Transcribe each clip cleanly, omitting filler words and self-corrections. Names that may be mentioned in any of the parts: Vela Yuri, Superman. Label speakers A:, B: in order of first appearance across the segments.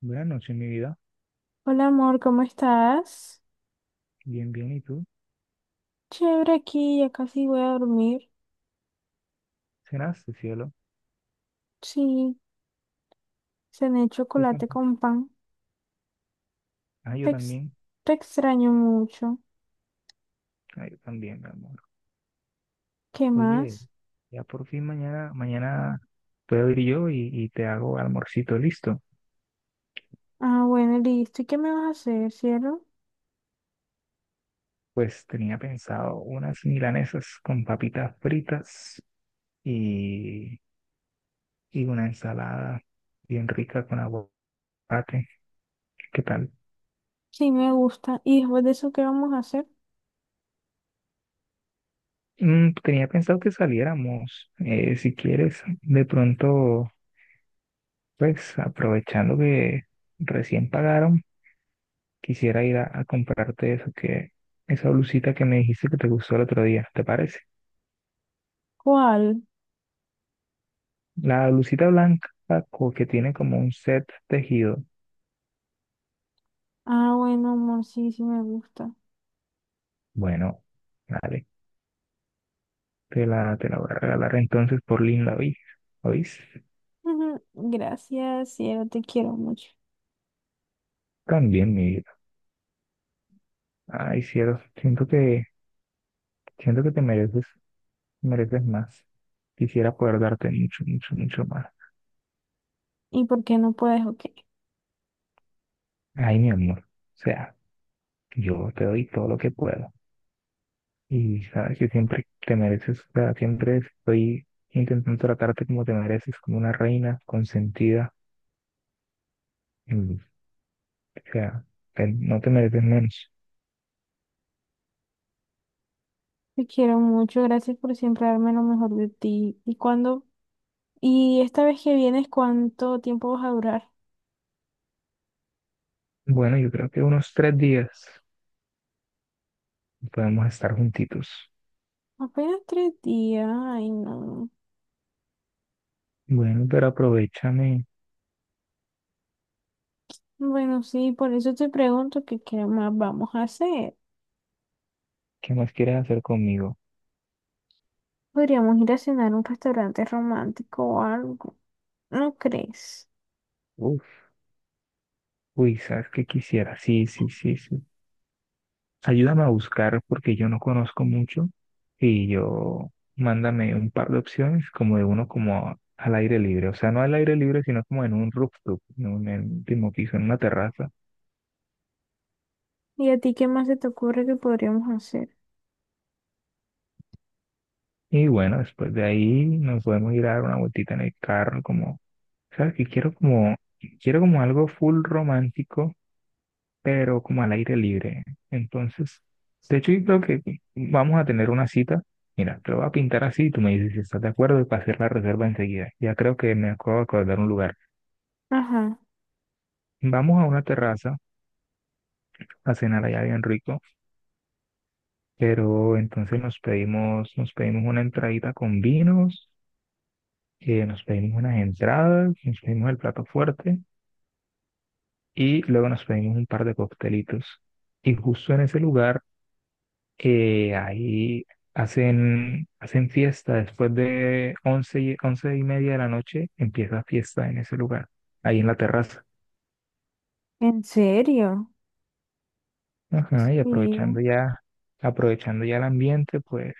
A: Buenas noches, mi vida.
B: Hola amor, ¿cómo estás?
A: Bien, bien. ¿Y tú?
B: Chévere aquí, ya casi voy a dormir.
A: ¿Cenaste, cielo?
B: Sí, cené
A: ¿Qué
B: chocolate
A: cuentas?
B: con pan.
A: Ah, yo
B: Te, ex-
A: también.
B: te extraño mucho.
A: Ah, yo también, mi amor.
B: ¿Qué
A: Oye,
B: más?
A: ya por fin mañana, mañana puedo ir yo y te hago almorcito listo.
B: Ah, bueno, listo. ¿Y qué me vas a hacer, cielo?
A: Pues tenía pensado unas milanesas con papitas fritas y, y una ensalada bien rica con aguacate. ¿Qué tal?
B: Sí, me gusta. ¿Y después de eso qué vamos a hacer?
A: Tenía pensado que saliéramos. Si quieres, de pronto, pues aprovechando que recién pagaron. Quisiera ir a comprarte esa blusita que me dijiste que te gustó el otro día, ¿te parece?
B: ¿Cuál?
A: La blusita blanca que tiene como un set tejido.
B: Ah, bueno, amor, sí, sí me gusta.
A: Bueno, vale, te la voy a regalar entonces por vi ¿Oís?
B: Ujú, gracias, cielo, te quiero mucho.
A: También, mi vida. Ay, cielo, siento que te mereces, mereces más. Quisiera poder darte mucho, mucho, mucho más.
B: ¿Y por qué no puedes? Ok.
A: Ay, mi amor. O sea, yo te doy todo lo que puedo. Y sabes que siempre te mereces, o sea, siempre estoy intentando tratarte como te mereces, como una reina consentida. Y, o sea, no te mereces menos.
B: Te quiero mucho, gracias por siempre darme lo mejor de ti. ¿Y cuándo? Y esta vez que vienes, ¿cuánto tiempo vas a durar?
A: Bueno, yo creo que unos 3 días podemos estar juntitos.
B: Apenas 3 días. Ay, no.
A: Bueno, pero aprovechame.
B: Bueno, sí, por eso te pregunto que qué más vamos a hacer.
A: ¿Qué más quieres hacer conmigo?
B: Podríamos ir a cenar a un restaurante romántico o algo. ¿No crees?
A: Uf, uy, ¿sabes qué quisiera? Sí, sí, sí, sí. Ayúdame a buscar porque yo no conozco mucho y yo mándame un par de opciones como de uno como al aire libre, o sea, no al aire libre, sino como en un rooftop, en un último piso, en una terraza.
B: ¿Y a ti qué más se te ocurre que podríamos hacer?
A: Y bueno, después de ahí nos podemos ir a dar una vueltita en el carro, como, ¿sabes? Que quiero como algo full romántico pero como al aire libre. Entonces, de hecho, yo creo que vamos a tener una cita. Mira, te lo voy a pintar así y tú me dices si estás de acuerdo y para hacer la reserva enseguida. Ya creo que me acabo de acordar un lugar.
B: Ajá.
A: Vamos a una terraza a cenar allá bien rico, pero entonces nos pedimos una entradita con vinos, nos pedimos unas entradas, nos pedimos el plato fuerte y luego nos pedimos un par de coctelitos. Y justo en ese lugar ahí hacen fiesta después de once y media de la noche, empieza fiesta en ese lugar, ahí en la terraza.
B: ¿En serio?
A: Ajá, y
B: Sí,
A: aprovechando ya el ambiente, pues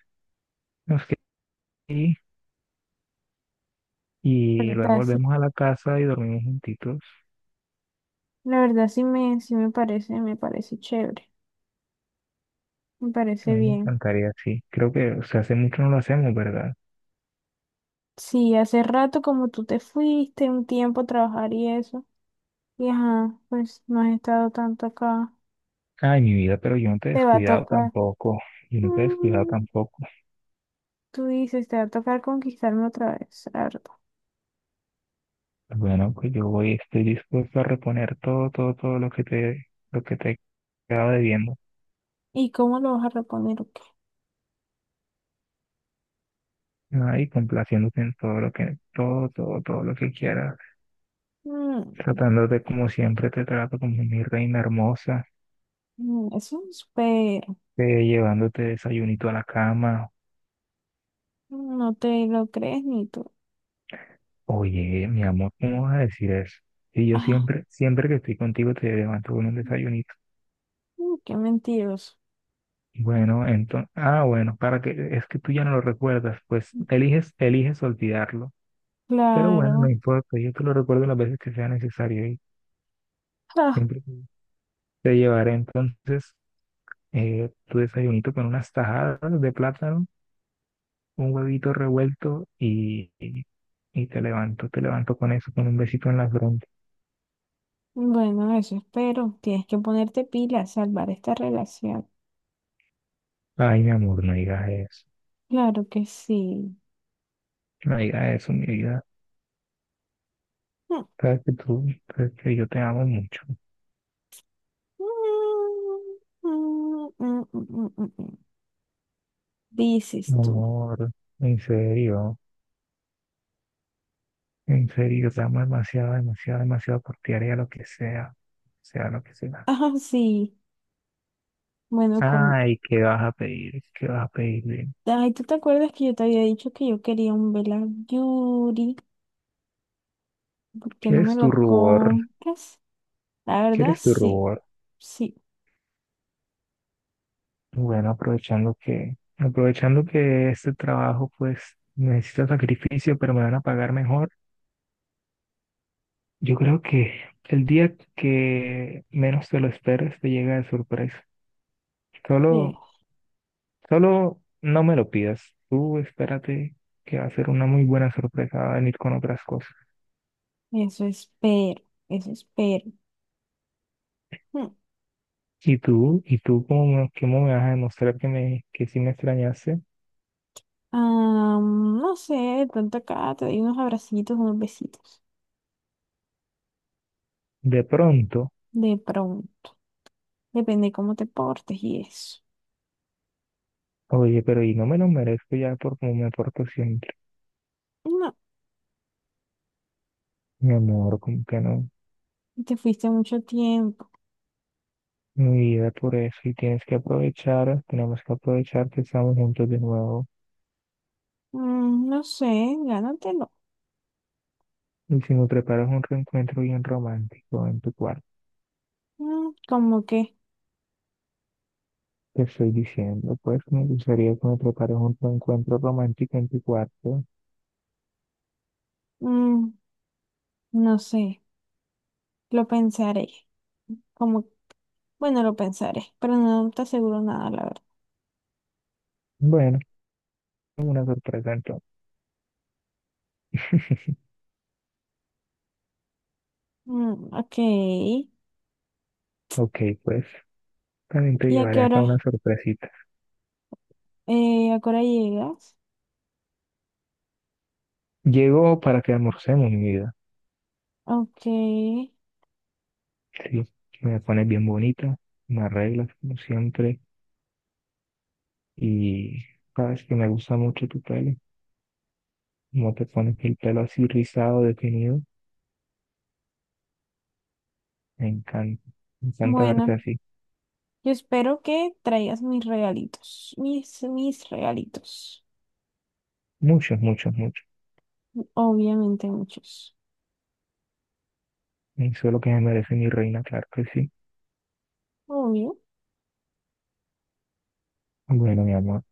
A: nos quedamos ahí
B: la
A: y luego
B: verdad, sí.
A: volvemos a la casa y dormimos juntitos.
B: La verdad sí me parece chévere. Me
A: A
B: parece
A: mí me
B: bien.
A: encantaría, sí. Creo que, o sea, hace mucho no lo hacemos, ¿verdad?
B: Sí, hace rato como tú te fuiste un tiempo a trabajar y eso. Y ajá, pues no has estado tanto acá.
A: Ay, mi vida, pero yo no te he
B: Te va a
A: descuidado
B: tocar.
A: tampoco. Yo no te he descuidado
B: Mm,
A: tampoco.
B: tú dices, te va a tocar conquistarme otra vez, la verdad.
A: Bueno, pues yo voy, estoy dispuesto a reponer todo, todo, todo lo que te, he quedado debiendo,
B: ¿Y cómo lo vas a reponer o qué?
A: ¿no? Y complaciéndote en todo, todo, todo lo que quieras,
B: Mm,
A: tratándote como siempre te trato, como mi reina hermosa,
B: mm, eso es, pero
A: llevándote desayunito a la cama.
B: no te lo crees ni tú.
A: Oye, mi amor, ¿cómo vas a decir eso? Y yo
B: Ah,
A: siempre, siempre que estoy contigo te levanto con un desayunito.
B: qué mentiroso.
A: Bueno, entonces, es que tú ya no lo recuerdas, pues eliges olvidarlo. Pero bueno, no
B: Claro.
A: importa, yo te lo recuerdo las veces que sea necesario y
B: Ah,
A: siempre te llevaré entonces tu desayunito con unas tajadas de plátano, un huevito revuelto y te levanto con eso, con un besito en la frente.
B: bueno, eso espero. Tienes que ponerte pila a salvar esta relación.
A: Ay, mi amor, no digas eso,
B: Claro que sí.
A: no digas eso, mi vida.
B: Mm,
A: Sabes que tú, sabes que yo te amo mucho,
B: mm, mm, mm, mm, mm, mm. Mm, mm.
A: mi
B: Dices tú.
A: amor, en serio, en serio, yo te amo demasiado, demasiado, demasiado por ti, haría lo que sea, sea lo que sea.
B: Ah, sí. Bueno, con...
A: Ay, ¿qué vas a pedir? ¿Qué vas a pedir?
B: Ay, ¿tú te acuerdas que yo te había dicho que yo quería un vela Yuri? ¿Por qué no me
A: ¿Quieres tu
B: lo
A: rubor?
B: compras? La verdad,
A: ¿Quieres tu
B: sí.
A: rubor?
B: Sí.
A: Bueno, aprovechando que este trabajo pues necesita sacrificio, pero me van a pagar mejor. Yo creo que el día que menos te lo esperes te llega de sorpresa.
B: eh,
A: Solo, solo no me lo pidas. Tú espérate que va a ser una muy buena sorpresa, va a venir con otras cosas.
B: Eso espero. Eso espero. Mm,
A: Y tú cómo me vas a demostrar que que sí me extrañaste
B: no sé, de pronto acá te doy unos abracitos, unos besitos.
A: de pronto.
B: De pronto. Depende cómo te portes y eso.
A: Oye, pero y no me lo merezco ya por cómo me porto siempre.
B: No,
A: Mi amor, como que no.
B: te fuiste mucho tiempo.
A: Mi vida, por eso y tienes que aprovechar, tenemos que aprovechar que estamos juntos de nuevo.
B: Mm, no sé, gánatelo.
A: Y si me preparas un reencuentro bien romántico en tu cuarto,
B: Mm, como que...
A: te estoy diciendo, pues me gustaría que me prepares un reencuentro romántico en tu cuarto.
B: Mm, no sé. Lo pensaré. Como, bueno, lo pensaré, pero no te aseguro nada, la verdad.
A: Bueno, una sorpresa entonces.
B: Mm, ok.
A: Ok, pues también te
B: ¿Y a qué
A: llevaré acá
B: hora,
A: una sorpresita.
B: eh, a qué hora llegas?
A: Llego para que almorcemos, mi vida.
B: Ok.
A: Sí, me pones bien bonita, me arreglas como siempre y sabes que me gusta mucho tu pelo. Como te pones el pelo así rizado, definido. Me encanta, me encanta verte
B: Bueno,
A: así.
B: yo espero que traigas mis regalitos. Mis regalitos.
A: Muchos, muchos, muchos.
B: Obviamente muchos.
A: Eso es lo que me merece mi reina, claro que sí.
B: Obvio.
A: Bueno, mi amor.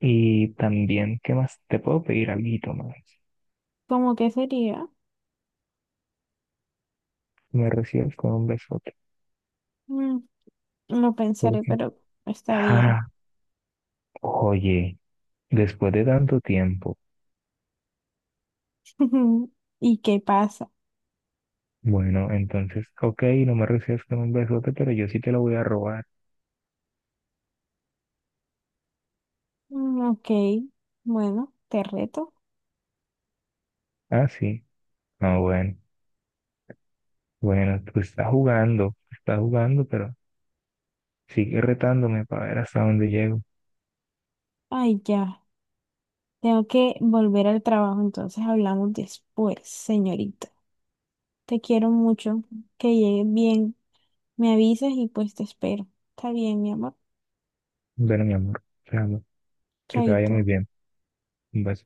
A: Y también, ¿qué más? Te puedo pedir algo más.
B: ¿Cómo que sería?
A: Me recibes con un besote.
B: Mm, lo pensaré,
A: Porque,
B: pero está bien.
A: ah, oye, después de tanto tiempo.
B: ¿Y qué pasa?
A: Bueno, entonces, ok, no me recibes con un besote, pero yo sí te lo voy a robar.
B: Mm, ok. Bueno, te reto.
A: Ah, sí. Ah, bueno. Bueno, tú estás jugando, pero sigue retándome para ver hasta dónde llego.
B: Ay, ya. Tengo que volver al trabajo, entonces hablamos después, señorita. Te quiero mucho, que llegues bien. Me avisas y pues te espero. Está bien, mi amor.
A: Bueno, mi amor, te amo. Que te vaya
B: Chaito.
A: muy bien. Vas